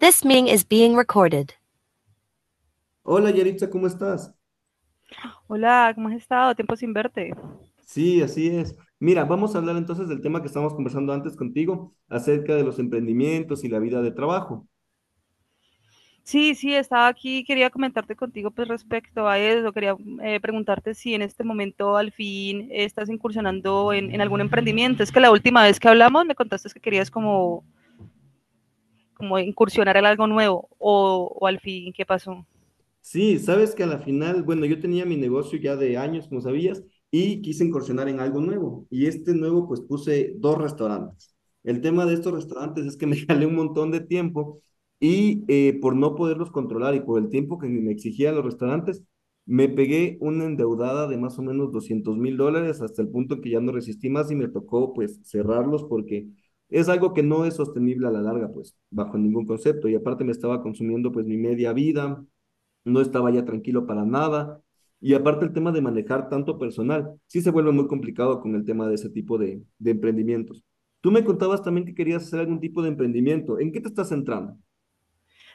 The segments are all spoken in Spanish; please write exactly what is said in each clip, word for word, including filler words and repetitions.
This meeting is being recorded. Hola Yaritza, ¿cómo estás? Hola, ¿cómo has estado? Tiempo sin verte. Sí, así es. Mira, vamos a hablar entonces del tema que estábamos conversando antes contigo, acerca de los emprendimientos y la vida de trabajo. Sí, sí, estaba aquí, quería comentarte contigo pues respecto a eso, quería eh, preguntarte si en este momento al fin estás incursionando en, en algún emprendimiento. Es que la última vez que hablamos me contaste que querías como, como incursionar en algo nuevo o, o al fin, ¿qué pasó? Sí, sabes que a la final, bueno, yo tenía mi negocio ya de años, como sabías, y quise incursionar en algo nuevo. Y este nuevo, pues puse dos restaurantes. El tema de estos restaurantes es que me jalé un montón de tiempo y eh, por no poderlos controlar y por el tiempo que me exigían los restaurantes, me pegué una endeudada de más o menos doscientos mil dólares hasta el punto que ya no resistí más y me tocó pues cerrarlos porque es algo que no es sostenible a la larga, pues bajo ningún concepto. Y aparte me estaba consumiendo pues mi media vida, no estaba ya tranquilo para nada. Y aparte el tema de manejar tanto personal, sí se vuelve muy complicado con el tema de ese tipo de, de emprendimientos. Tú me contabas también que querías hacer algún tipo de emprendimiento. ¿En qué te estás centrando?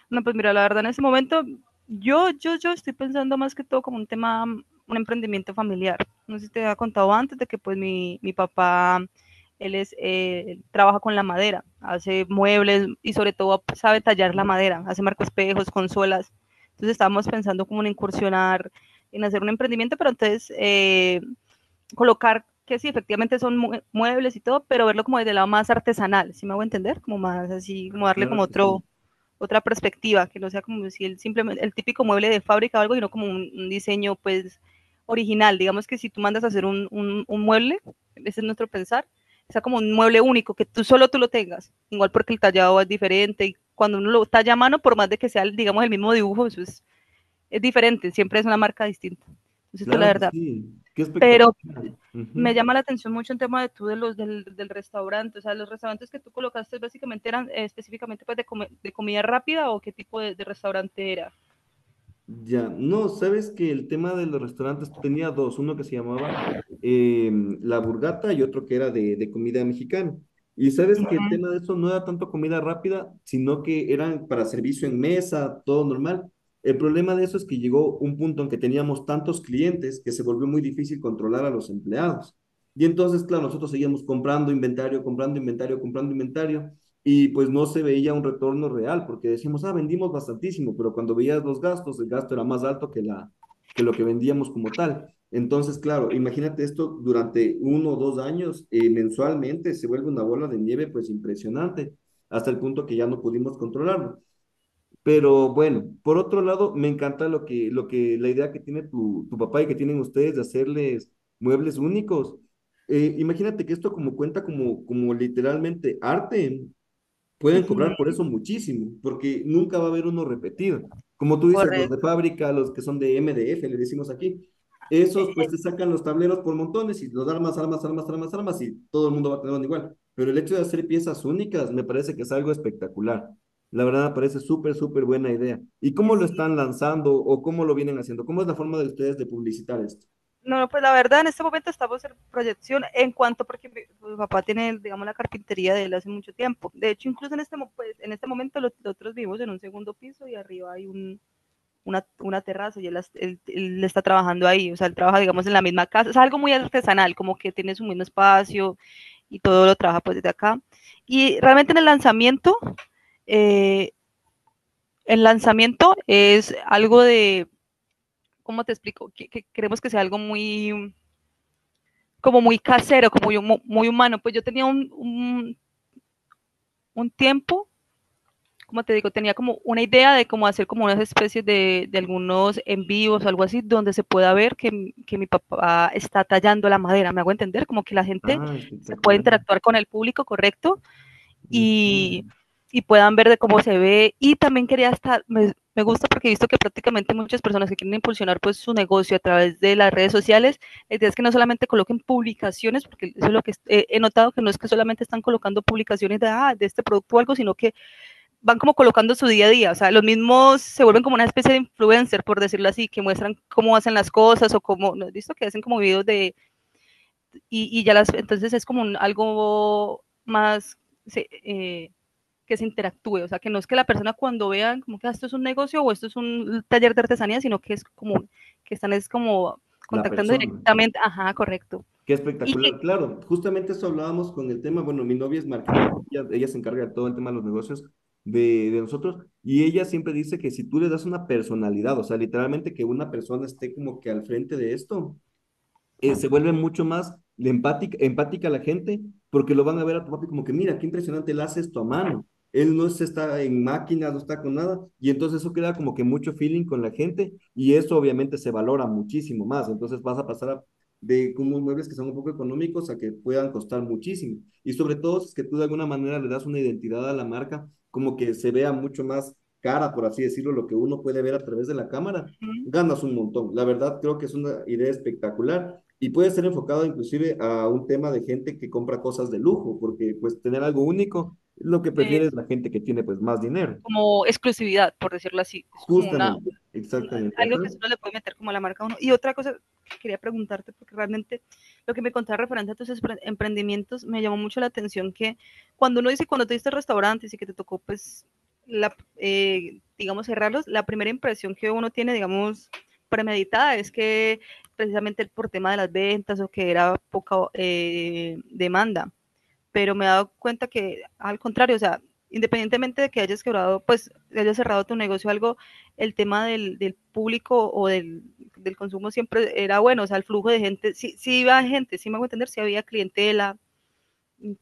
No, pues mira, la verdad en ese momento yo, yo, yo estoy pensando más que todo como un tema, un emprendimiento familiar. No sé si te había contado antes de que pues mi, mi papá, él es, eh, él trabaja con la madera, hace muebles y sobre todo sabe tallar la Ujú. madera, hace marcoespejos, consolas. Entonces estábamos pensando como en incursionar, en hacer un emprendimiento, pero entonces eh, colocar que sí, efectivamente son mue- muebles y todo, pero verlo como desde el lado más artesanal, si ¿sí me hago entender? Como más así, como darle como Claro que sí, otro, otra perspectiva, que no sea como si el, simplemente, el típico mueble de fábrica o algo, sino como un, un diseño pues original. Digamos que si tú mandas a hacer un, un, un mueble, ese es nuestro pensar, sea como un mueble único, que tú solo tú lo tengas, igual porque el tallado es diferente y cuando uno lo talla a mano, por más de que sea, digamos, el mismo dibujo, eso es, es diferente, siempre es una marca distinta. Entonces, pues la claro que verdad, sí. Qué espectáculo. pero me llama la atención mucho el tema de tú de los del, del restaurante, o sea, los restaurantes que tú colocaste básicamente eran eh, específicamente pues de, come, de comida rápida o qué tipo de, de restaurante era. Ya, no, sabes que el tema de los restaurantes tenía dos, uno que se llamaba em, La Burgata y otro que era de, de comida mexicana. Y sabes que el tema de eso no era tanto comida rápida, sino que eran para servicio en mesa, todo normal. El problema de eso es que llegó un punto en que teníamos tantos clientes que se volvió muy difícil controlar a los empleados. Y entonces, claro, nosotros seguíamos comprando inventario, comprando inventario, comprando inventario y pues no se veía un retorno real, porque decíamos, ah, vendimos bastantísimo, pero cuando veías los gastos, el gasto era más alto que, la, que lo que vendíamos como tal. Entonces, claro, imagínate esto durante uno o dos años eh, mensualmente, se vuelve una bola de nieve pues impresionante, hasta el punto que ya no pudimos controlarlo. Pero bueno, por otro lado, me encanta lo que, lo que, la idea que tiene tu, tu papá y que tienen ustedes de hacerles muebles únicos. Eh, imagínate que esto como cuenta como, como literalmente arte, Uh pueden cobrar -huh. por eso muchísimo, porque nunca va a haber uno repetido. Como tú dices, los de Correcto. fábrica, los que son de M D F, le decimos aquí, Eh, esos pues te sacan los tableros por montones y los armas, armas, armas, armas, armas y todo el mundo va a tener uno igual. Pero el hecho de hacer piezas únicas me parece que es algo espectacular. La verdad me parece súper, súper buena idea. ¿Y eh, cómo lo están sí. lanzando o cómo lo vienen haciendo? ¿Cómo es la forma de ustedes de publicitar esto? No, pues la verdad en este momento estamos en proyección en cuanto porque mi, mi, papá tiene, digamos, la carpintería de él hace mucho tiempo. De hecho, incluso en este, mo- pues, en este momento los, nosotros vivimos en un segundo piso y arriba hay un, una, una terraza y él, él, él está trabajando ahí, o sea, él trabaja, digamos, en la misma casa, es algo muy artesanal, como que tiene su mismo espacio y todo lo trabaja pues desde acá. Y realmente en el lanzamiento, eh, el lanzamiento es algo de, ¿cómo te explico? Que, que queremos que sea algo muy, como muy casero, como muy, muy humano. Pues yo tenía un, un, un tiempo como te digo, tenía como una idea de cómo hacer como unas especies de, de algunos envíos o algo así, donde se pueda ver que, que, mi papá está tallando la madera. Me hago entender, como que la gente Ah, se puede espectacular. interactuar con el público correcto Ujú. y, y puedan ver de cómo se ve. Y también quería estar, me, me, gusta porque he visto que prácticamente muchas personas que quieren impulsionar pues su negocio a través de las redes sociales, la idea es que no solamente coloquen publicaciones, porque eso es lo que he notado, que no es que solamente están colocando publicaciones de, ah, de este producto o algo, sino que van como colocando su día a día, o sea, los mismos se vuelven como una especie de influencer, por decirlo así, que muestran cómo hacen las cosas o cómo, ¿no has visto? Que hacen como videos de, y, y ya las, entonces es como un, algo más se- eh, que se interactúe, o sea, que no es que la persona cuando vean como que "Ah, esto es un negocio o esto es un taller de artesanía", sino que es como, que están es como La contactando persona. directamente, ajá, correcto. Qué Y que, espectacular, claro. Justamente eso hablábamos con el tema. Bueno, mi novia es marketera, ella, ella se encarga de todo el tema de los negocios de, de nosotros y ella siempre dice que si tú le das una personalidad, o sea, literalmente que una persona esté como que al frente de esto, eh, se vuelve mucho más de empática, empática a la gente porque lo van a ver a tu papi como que, mira, qué impresionante, él hace esto a mano. Él no está en máquinas, no está con nada. Y entonces eso crea como que mucho feeling con la gente y eso obviamente se valora muchísimo más. Entonces vas a pasar a, de como muebles que son un poco económicos a que puedan costar muchísimo. Y sobre todo si es que tú de alguna manera le das una identidad a la marca como que se vea mucho más cara, por así decirlo, lo que uno puede ver a través de la cámara, ganas un montón. La verdad creo que es una idea espectacular y puede ser enfocado inclusive a un tema de gente que compra cosas de lujo, porque pues tener algo único es lo que eh, prefiere la gente que tiene pues más dinero. como exclusividad, por decirlo así. Es como una, Justamente, una- exactamente, algo ajá. que solo le puede meter como a la marca a uno. Y otra cosa que quería preguntarte, porque realmente lo que me contaba referente a tus emprendimientos me llamó mucho la atención que cuando uno dice, cuando tuviste restaurantes y que te tocó, pues, la, eh, digamos, cerrarlos, la primera impresión que uno tiene, digamos, premeditada es que precisamente por tema de las ventas o que era poca eh, demanda, pero me he dado cuenta que al contrario, o sea, independientemente de que hayas quebrado, pues hayas cerrado tu negocio o algo, el tema del, del público o del, del, consumo siempre era bueno, o sea, el flujo de gente, sí, sí iba gente, sí me hago entender, sí había clientela,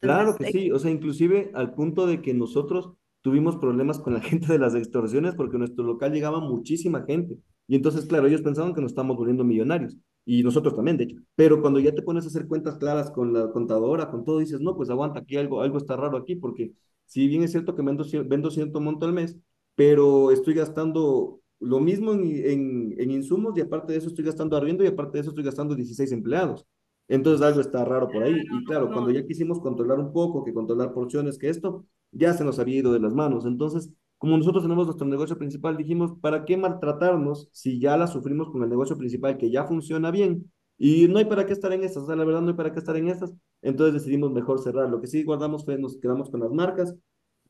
Claro que eh, sí, o sea, inclusive al punto de que nosotros tuvimos problemas con la gente de las extorsiones porque a nuestro local llegaba muchísima gente. Y entonces, claro, ellos pensaban que nos estábamos volviendo millonarios y nosotros también, de hecho. Pero cuando ya te pones a hacer cuentas claras con la contadora, con todo, dices, no, pues aguanta, aquí algo, algo está raro aquí porque si bien es cierto que vendo, cier- vendo cierto monto al mes, pero estoy gastando lo mismo en, en, en insumos y aparte de eso estoy gastando arriendo y aparte de eso estoy gastando dieciséis empleados. Entonces algo está raro por ahí. Y claro, no, cuando ya quisimos controlar un poco, que controlar porciones, que esto, ya se nos había ido de las manos. Entonces, como nosotros tenemos nuestro negocio principal, dijimos, ¿para qué maltratarnos si ya la sufrimos con el negocio principal que ya funciona bien? Y no hay para qué estar en estas, o sea, la verdad no hay para qué estar en estas. Entonces decidimos mejor cerrar. Lo que sí guardamos fue, nos quedamos con las marcas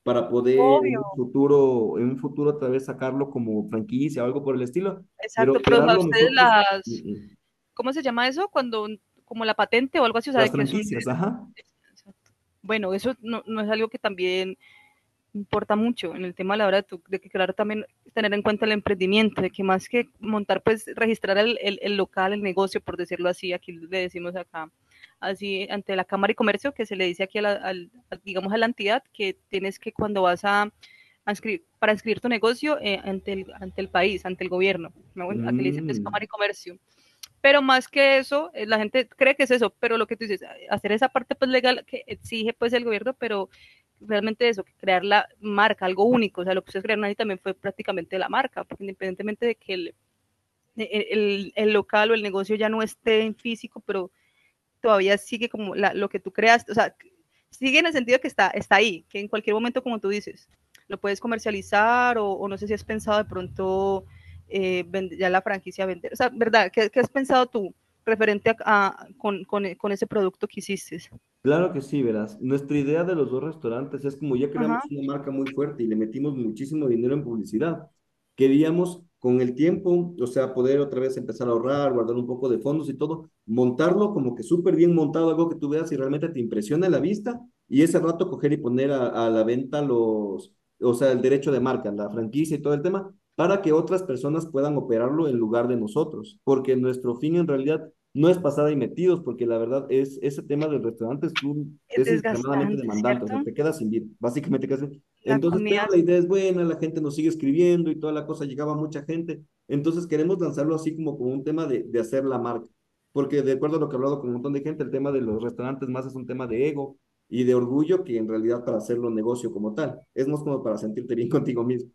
para poder obvio, en un futuro, en un futuro otra vez sacarlo como franquicia o algo por el estilo, pero exacto, pero o sea, operarlo ustedes nosotros. Mm, las, mm, ¿cómo se llama eso? Cuando, como la patente o algo así, o sea, las de que son... franquicias, ajá. exacto. Bueno, eso no, no es algo que también importa mucho en el tema a la hora de, tu, de que, claro, también tener en cuenta el emprendimiento, de que más que montar, pues registrar el, el, el, local, el negocio, por decirlo así, aquí le decimos acá, así ante la Cámara y Comercio, que se le dice aquí, a la, al, a, digamos, a la entidad, que tienes que cuando vas a, a inscribir, para inscribir tu negocio eh, ante, el, ante el país, ante el gobierno, ¿no? Bueno, aquí le dice pues, Mm, Cámara y Comercio, pero más que eso, eh, la gente cree que es eso, pero lo que tú dices, eh, hacer esa parte pues legal que exige pues el gobierno, pero realmente eso, crear la marca, algo único, o sea, lo que ustedes crearon ahí también fue prácticamente la marca, porque independientemente de que el, e, e, el, el local o el negocio ya no esté en físico, pero todavía sigue como la, lo que tú creas, o sea, sigue en el sentido que está, está ahí, que en cualquier momento, como tú dices, lo puedes comercializar o, o no sé si has pensado de pronto eh, vend- ya la franquicia vender. O sea, ¿verdad? ¿Qué, qué has pensado tú referente a, a con, con, con ese producto que hiciste? claro que sí, verás. Nuestra idea de los dos restaurantes es como ya Ajá. creamos una marca muy fuerte y le metimos muchísimo dinero en publicidad. Queríamos con el tiempo, o sea, poder otra vez empezar a ahorrar, guardar un poco de fondos y todo, montarlo como que súper bien montado, algo que tú veas y realmente te impresiona la vista y ese rato coger y poner a, a la venta los, o sea, el derecho de marca, la franquicia y todo el tema, para que otras personas puedan operarlo en lugar de nosotros, porque nuestro fin en realidad no es pasada y metidos, porque la verdad es, ese tema del restaurante es, un- Es es extremadamente desgastante, demandante, o sea, ¿cierto? te quedas sin vida, básicamente casi. La Entonces, comida pero la es idea es buena, la gente nos sigue escribiendo y toda la cosa, llegaba mucha gente, entonces queremos lanzarlo así como, como un tema de, de hacer la marca, porque de acuerdo a lo que he hablado con un montón de gente, el tema de los restaurantes más es un tema de ego y de orgullo que en realidad para hacerlo negocio como tal, es más como para sentirte bien contigo mismo.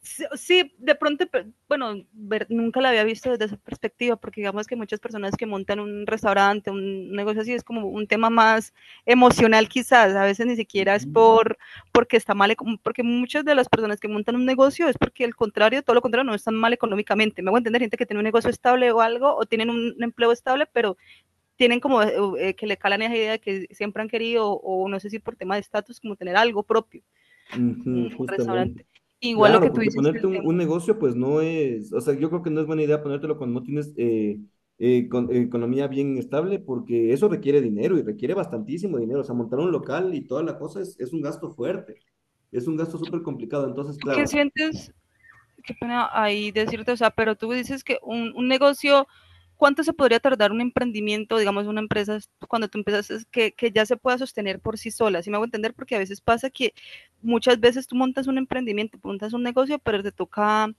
Sí, sí, de pronto, bueno, ver, nunca la había visto desde esa perspectiva, porque digamos que muchas personas que montan un restaurante, un negocio así, es como un tema más emocional quizás, a veces ni siquiera es Ujú, por porque está mal, porque muchas de las personas que montan un negocio es porque el contrario, todo lo contrario, no están mal económicamente. Me voy a entender, gente que tiene un negocio estable o algo, o tienen un empleo estable, pero tienen como eh, que le calan esa idea que siempre han querido, o, o no sé si por tema de estatus, como tener algo propio, un, un ujú, restaurante. justamente. Igual lo que Claro, tú porque dices, el ponerte un, tema un negocio, pues no es, o sea, yo creo que no es buena idea ponértelo cuando no tienes eh, eh, con- eh, economía bien estable, porque eso requiere dinero y requiere bastantísimo dinero. O sea, montar un local y toda la cosa es, es un gasto fuerte, es un gasto súper complicado. Entonces, ¿Tú claro, qué sientes? Qué pena ahí decirte, o sea, pero tú dices que un, un negocio, ¿cuánto se podría tardar un emprendimiento, digamos, una empresa, cuando tú empiezas, que, que ya se pueda sostener por sí sola? Si me hago entender, porque a veces pasa que muchas veces tú montas un emprendimiento, montas un negocio, pero te toca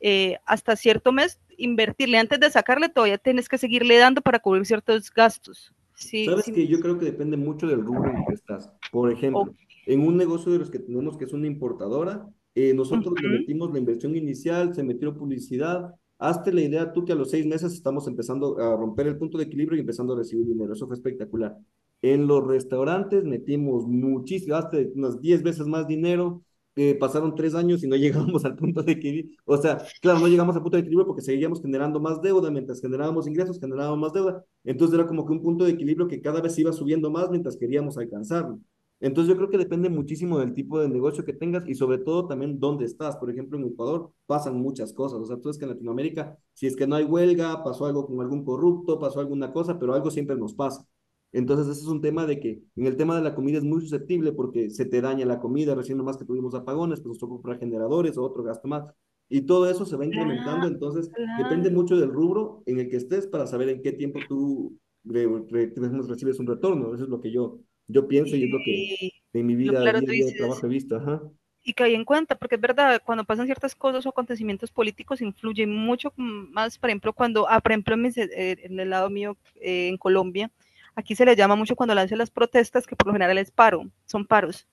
eh, hasta cierto mes invertirle. Antes de sacarle, todavía tienes que seguirle dando para cubrir ciertos gastos. Sí, sabes sí. que yo creo que depende mucho del rubro en el que estás. Por Ok. ejemplo, en un negocio de los que tenemos que es una importadora, eh, nosotros le metimos la inversión inicial, se metió publicidad. Hazte la idea tú que a los seis meses estamos empezando a romper el punto de equilibrio y empezando a recibir dinero. Eso fue espectacular. En los restaurantes metimos muchísimo, hasta unas diez veces más dinero, eh, pasaron tres años y no llegamos al punto de equilibrio. O sea, claro, no llegamos al punto de equilibrio porque seguíamos generando más deuda, mientras generábamos ingresos, generábamos más deuda. Entonces era como que un punto de equilibrio que cada vez iba subiendo más mientras queríamos alcanzarlo. Entonces yo creo que depende muchísimo del tipo de negocio que tengas y sobre todo también dónde estás. Por ejemplo, en Ecuador pasan muchas cosas. O sea, tú ves que en Latinoamérica, si es que no hay huelga, pasó algo con algún corrupto, pasó alguna cosa, pero algo siempre nos pasa. Entonces, ese es un tema de que en el tema de la comida es muy susceptible porque se te daña la comida, recién nomás que tuvimos apagones, pues nos tocó comprar generadores o otro gasto más. Y todo eso se va Cla- incrementando, entonces depende Claro. mucho del rubro en el que estés para saber en qué tiempo tú re- re- recibes un retorno. Eso es lo que yo, yo pienso y es lo que Y, en mi y lo vida, claro, día a tú día de trabajo dices, he visto. Ajá. y que hay en cuenta, porque es verdad, cuando pasan ciertas cosas o acontecimientos políticos influye mucho más, por ejemplo, cuando, ah, por ejemplo, en, mis, eh, en el lado mío, eh, en Colombia, aquí se le llama mucho cuando lanzan las protestas, que por lo general es paro, son paros.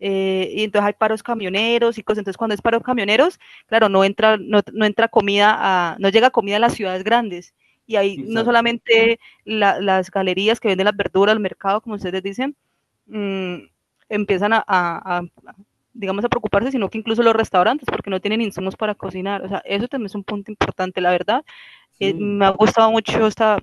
Eh, y entonces hay paros camioneros y cosas. Entonces, cuando es paro camioneros, claro, no entra, no, no entra comida, a, no llega comida a las ciudades grandes. Y ahí no Exacto. solamente la, las galerías que venden las verduras, el mercado, como ustedes dicen, mmm, empiezan a, a, a, digamos, a preocuparse, sino que incluso los restaurantes, porque no tienen insumos para cocinar. O sea, eso también es un punto importante, la verdad. Eh, Sí. me ha gustado mucho esta,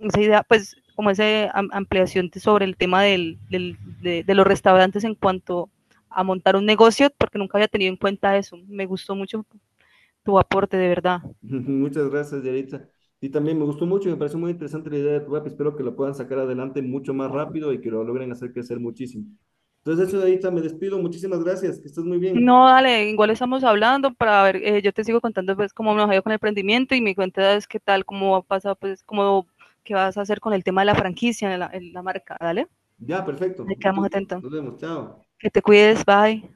esa idea, pues como esa ampliación sobre el tema del, del, de, de, los restaurantes en cuanto a montar un negocio, porque nunca había tenido en cuenta eso. Me gustó mucho tu aporte, de verdad. Muchas gracias, Yaritza. Y también me gustó mucho y me pareció muy interesante la idea de tu app. Espero que lo puedan sacar adelante mucho más rápido y que lo logren hacer crecer muchísimo. Entonces, eso, Yaritza, me despido. Muchísimas gracias. Que estés muy bien. No, dale, igual estamos hablando para ver, eh, yo te sigo contando pues cómo me ha ido con el emprendimiento y me cuentas qué tal, cómo pasa, pues cómo qué vas a hacer con el tema de la franquicia, la, la marca, dale. Ya, perfecto. Ahí Mucho. quedamos atentos. Nos vemos. Chao. Que te cuides, bye.